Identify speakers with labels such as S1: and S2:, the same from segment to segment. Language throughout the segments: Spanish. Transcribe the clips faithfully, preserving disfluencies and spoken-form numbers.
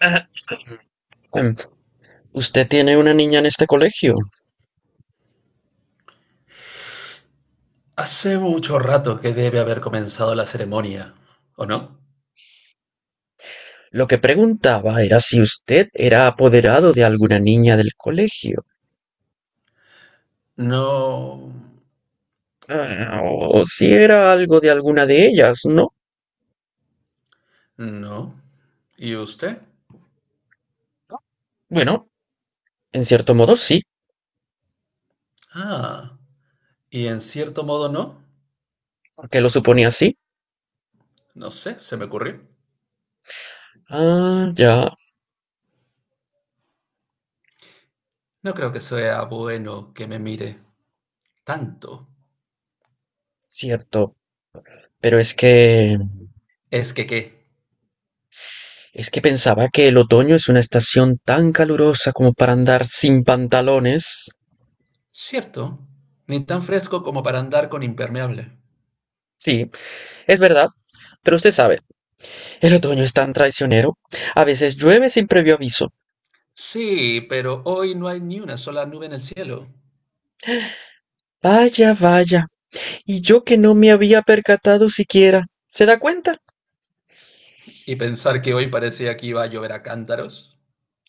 S1: Ah, em, usted tiene una niña en este colegio.
S2: Hace mucho rato que debe haber comenzado la ceremonia, ¿o no?
S1: Lo que preguntaba era si usted era apoderado de alguna niña del colegio.
S2: No,
S1: Ah, o si era algo de alguna de ellas, ¿no?
S2: no. ¿Y usted?
S1: Bueno, en cierto modo sí,
S2: Ah, y en cierto modo no.
S1: porque lo suponía así.
S2: No sé, se me ocurrió.
S1: Ah, ya,
S2: No creo que sea bueno que me mire tanto.
S1: cierto. Pero es que...
S2: Es que qué.
S1: es que pensaba que el otoño es una estación tan calurosa como para andar sin pantalones.
S2: Cierto, ni tan fresco como para andar con impermeable.
S1: Sí, es verdad. Pero usted sabe, el otoño es tan traicionero. A veces llueve sin previo aviso.
S2: Sí, pero hoy no hay ni una sola nube en el cielo.
S1: Vaya, vaya. Y yo que no me había percatado siquiera. ¿Se da cuenta?
S2: Y pensar que hoy parecía que iba a llover a cántaros.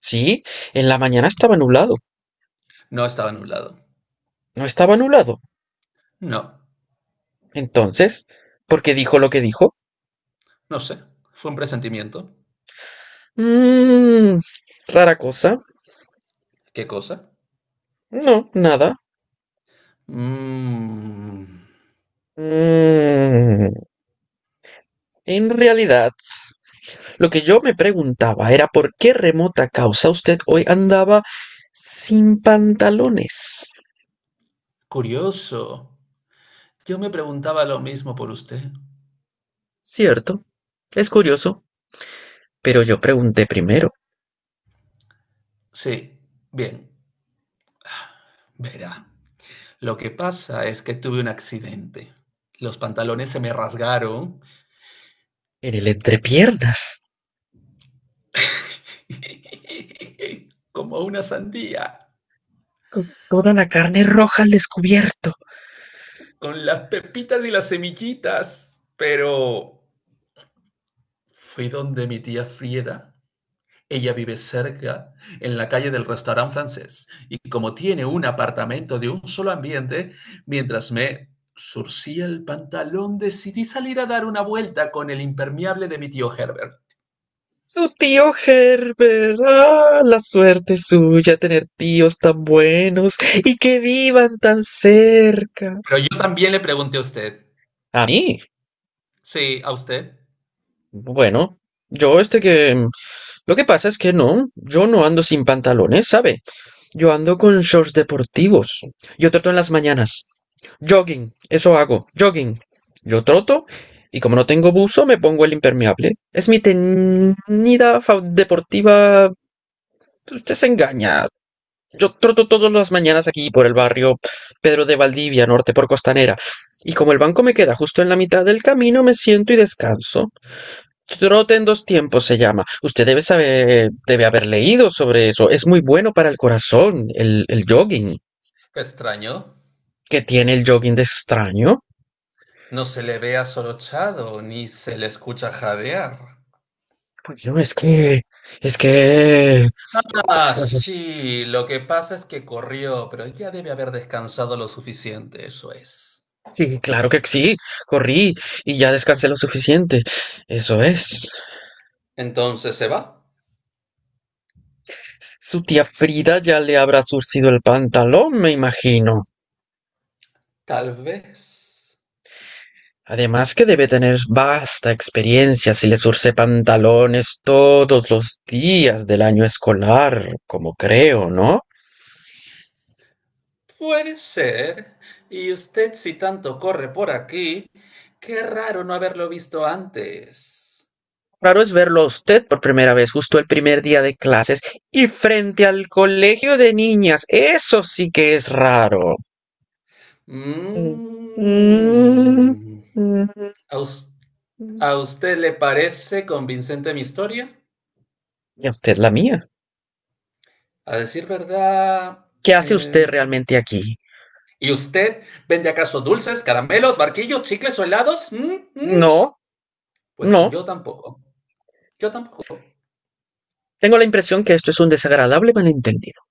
S1: Sí, en la mañana estaba nublado.
S2: No estaba nublado.
S1: No estaba nublado.
S2: No,
S1: Entonces, ¿por qué dijo lo que dijo?
S2: no sé, fue un presentimiento.
S1: Mmm. Rara cosa.
S2: ¿Qué cosa?
S1: No, nada.
S2: Mm,
S1: Mmm. En realidad, lo que yo me preguntaba era por qué remota causa usted hoy andaba sin pantalones.
S2: curioso. Yo me preguntaba lo mismo por usted.
S1: Cierto. Es curioso. Pero yo pregunté primero.
S2: Sí, bien. Verá, lo que pasa es que tuve un accidente. Los pantalones se me rasgaron
S1: En el entrepiernas.
S2: como una sandía,
S1: Con toda la carne roja al descubierto.
S2: con las pepitas y las semillitas. Pero fui donde mi tía Frieda. Ella vive cerca, en la calle del restaurante francés, y como tiene un apartamento de un solo ambiente, mientras me surcía el pantalón decidí salir a dar una vuelta con el impermeable de mi tío Herbert.
S1: Su tío Herbert. Ah, la suerte suya tener tíos tan buenos y que vivan tan cerca.
S2: Pero yo también le pregunté a usted.
S1: A mí.
S2: Sí, a usted.
S1: Bueno, yo este que... Lo que pasa es que no, yo no ando sin pantalones, ¿sabe? Yo ando con shorts deportivos. Yo troto en las mañanas. Jogging, eso hago, jogging. Yo troto y como no tengo buzo me pongo el impermeable. Es mi teñida fa- deportiva. Usted se engaña. Yo troto todas las mañanas aquí por el barrio Pedro de Valdivia, norte por Costanera. Y como el banco me queda justo en la mitad del camino, me siento y descanso. Trote en dos tiempos se llama. Usted debe saber, debe haber leído sobre eso. Es muy bueno para el corazón, el, el jogging.
S2: Qué extraño.
S1: ¿Qué tiene el jogging de extraño?
S2: No se le ve asorochado ni se le escucha jadear.
S1: Bueno, es que, es que...
S2: Ah, sí, lo que pasa es que corrió, pero ya debe haber descansado lo suficiente, eso es.
S1: Sí, claro que sí. Corrí y ya descansé lo suficiente. Eso es.
S2: Entonces se va.
S1: Su tía Frida ya le habrá surcido el pantalón, me imagino.
S2: Tal vez.
S1: Además que debe tener vasta experiencia si le zurce pantalones todos los días del año escolar, como creo, ¿no?
S2: Puede ser. Y usted, si tanto corre por aquí, qué raro no haberlo visto antes.
S1: Raro es verlo a usted por primera vez justo el primer día de clases y frente al colegio de niñas. Eso sí que es raro. Mm. Mm.
S2: Mm. ¿A us- a usted le parece convincente mi historia?
S1: ¿Y a usted la mía?
S2: A decir verdad.
S1: ¿Qué hace
S2: eh,
S1: usted realmente aquí?
S2: ¿Y usted vende acaso dulces, caramelos, barquillos, chicles o helados? ¿Mm? ¿Mm?
S1: No,
S2: Pues
S1: no.
S2: yo tampoco. Yo tampoco.
S1: Tengo la impresión que esto es un desagradable malentendido.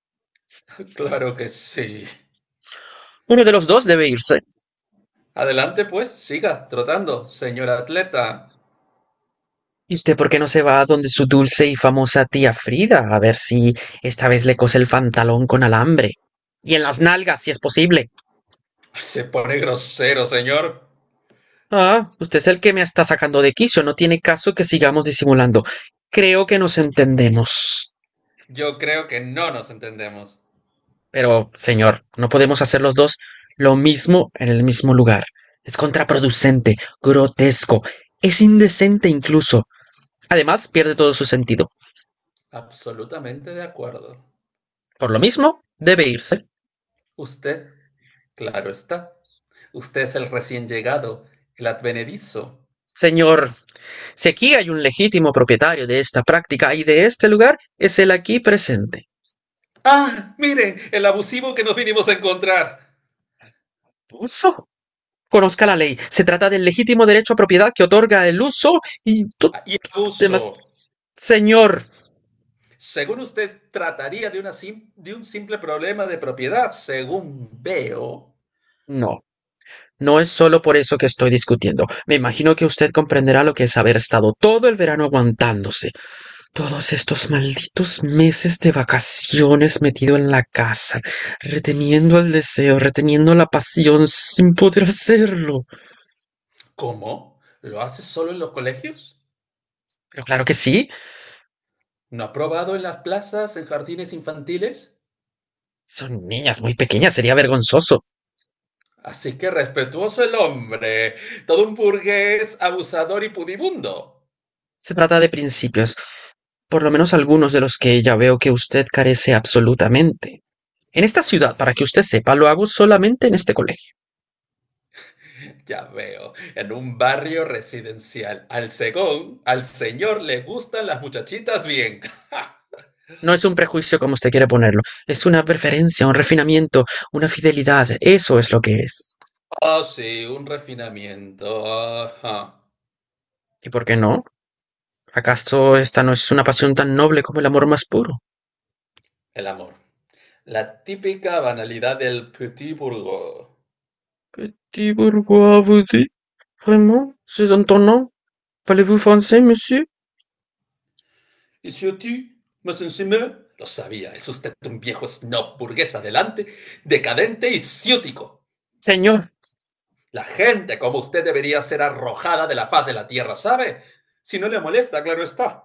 S2: Claro que sí.
S1: Uno de los dos debe irse.
S2: Adelante, pues, siga trotando, señor atleta.
S1: ¿Y usted por qué no se va a donde su dulce y famosa tía Frida a ver si esta vez le cose el pantalón con alambre? Y en las nalgas, si es posible.
S2: Se pone grosero, señor.
S1: Ah, usted es el que me está sacando de quicio. No tiene caso que sigamos disimulando. Creo que nos entendemos.
S2: Yo creo que no nos entendemos.
S1: Pero, señor, no podemos hacer los dos lo mismo en el mismo lugar. Es contraproducente, grotesco, es indecente incluso. Además, pierde todo su sentido.
S2: Absolutamente de acuerdo.
S1: Por lo mismo, debe irse.
S2: Usted, claro está. Usted es el recién llegado, el advenedizo.
S1: Señor, si aquí hay un legítimo propietario de esta práctica y de este lugar, es el aquí presente.
S2: ¡Ah! Miren, el abusivo que nos vinimos a encontrar.
S1: Uso. Conozca la ley. Se trata del legítimo derecho a propiedad que otorga el uso y todo
S2: Ah, y
S1: demás.
S2: abuso.
S1: Señor,
S2: Según usted, trataría de, una sim- de un simple problema de propiedad, según veo.
S1: no. No es solo por eso que estoy discutiendo. Me imagino que usted comprenderá lo que es haber estado todo el verano aguantándose, todos estos malditos meses de vacaciones metido en la casa, reteniendo el deseo, reteniendo la pasión, sin poder hacerlo.
S2: ¿Cómo? ¿Lo hace solo en los colegios?
S1: Pero claro que sí,
S2: No ha probado en las plazas, en jardines infantiles.
S1: son niñas muy pequeñas, sería vergonzoso.
S2: Así que respetuoso el hombre, todo un burgués abusador y pudibundo.
S1: Se trata de principios, por lo menos algunos de los que ya veo que usted carece absolutamente. En esta ciudad, para que usted sepa, lo hago solamente en este colegio.
S2: Ya veo, en un barrio residencial. Al segón, al señor le gustan las muchachitas bien. Ah,
S1: No es un prejuicio como usted quiere ponerlo, es una preferencia, un refinamiento, una fidelidad, eso es lo que es.
S2: oh, sí, un refinamiento. Ajá.
S1: ¿Y por qué no? ¿Acaso esta no es una pasión tan noble como el amor más puro?
S2: El amor. La típica banalidad del petit bourgeois.
S1: Petit bourgeois vous dit, vraiment, c'est étonnant. Parlez-vous français, monsieur?
S2: Y si a ti, más encima, lo sabía, es usted un viejo snob burgués adelante, decadente y ciútico.
S1: Señor,
S2: La gente como usted debería ser arrojada de la faz de la tierra, ¿sabe? Si no le molesta, claro está.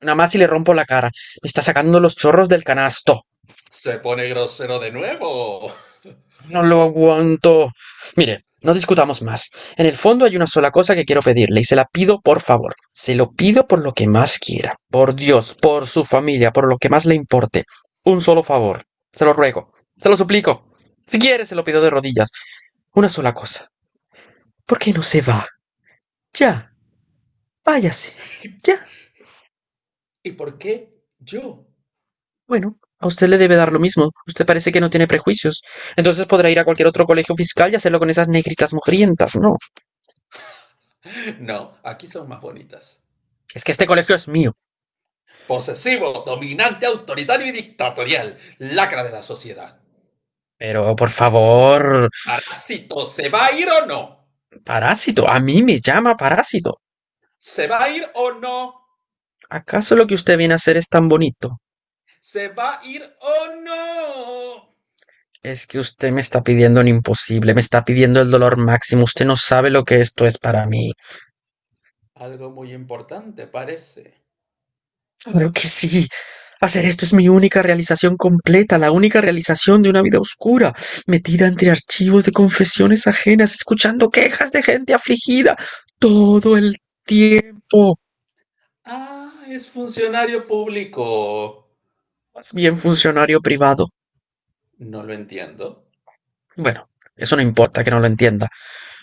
S1: nada más si le rompo la cara. Me está sacando los chorros del canasto.
S2: Se pone grosero de nuevo.
S1: No lo aguanto. Mire, no discutamos más. En el fondo hay una sola cosa que quiero pedirle y se la pido por favor. Se lo pido por lo que más quiera. Por Dios, por su familia, por lo que más le importe. Un solo favor. Se lo ruego. Se lo suplico. Si quiere, se lo pido de rodillas. Una sola cosa. ¿Por qué no se va? Ya, váyase. Ya.
S2: ¿Y por qué yo?
S1: Bueno, a usted le debe dar lo mismo. Usted parece que no tiene prejuicios. Entonces podrá ir a cualquier otro colegio fiscal y hacerlo con esas negritas mugrientas. No,
S2: No, aquí son más bonitas.
S1: es que este colegio es mío.
S2: Posesivo, dominante, autoritario y dictatorial. Lacra de la sociedad.
S1: Pero, por favor,
S2: Parásito, ¿se va a ir o no?
S1: parásito. A mí me llama parásito.
S2: ¿Se va a ir o no?
S1: ¿Acaso lo que usted viene a hacer es tan bonito?
S2: ¿Se va a ir o no?
S1: Es que usted me está pidiendo un imposible, me está pidiendo el dolor máximo. Usted no sabe lo que esto es para mí.
S2: Algo muy importante, parece.
S1: Claro que sí. Hacer esto es mi única realización completa, la única realización de una vida oscura, metida entre archivos de confesiones ajenas, escuchando quejas de gente afligida todo el tiempo.
S2: Ah, es funcionario público.
S1: Más bien funcionario privado.
S2: No lo entiendo.
S1: Bueno, eso no importa que no lo entienda.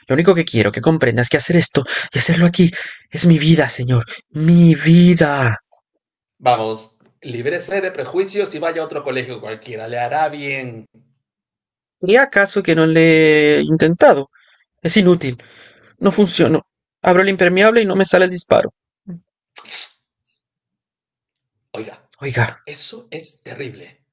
S1: Lo único que quiero que comprendas es que hacer esto y hacerlo aquí es mi vida, señor. Mi vida.
S2: Vamos, líbrese de prejuicios y vaya a otro colegio cualquiera. Le hará bien.
S1: ¿Y acaso que no le he intentado? Es inútil. No funcionó. Abro el impermeable y no me sale el disparo.
S2: Oiga,
S1: Oiga,
S2: eso es terrible.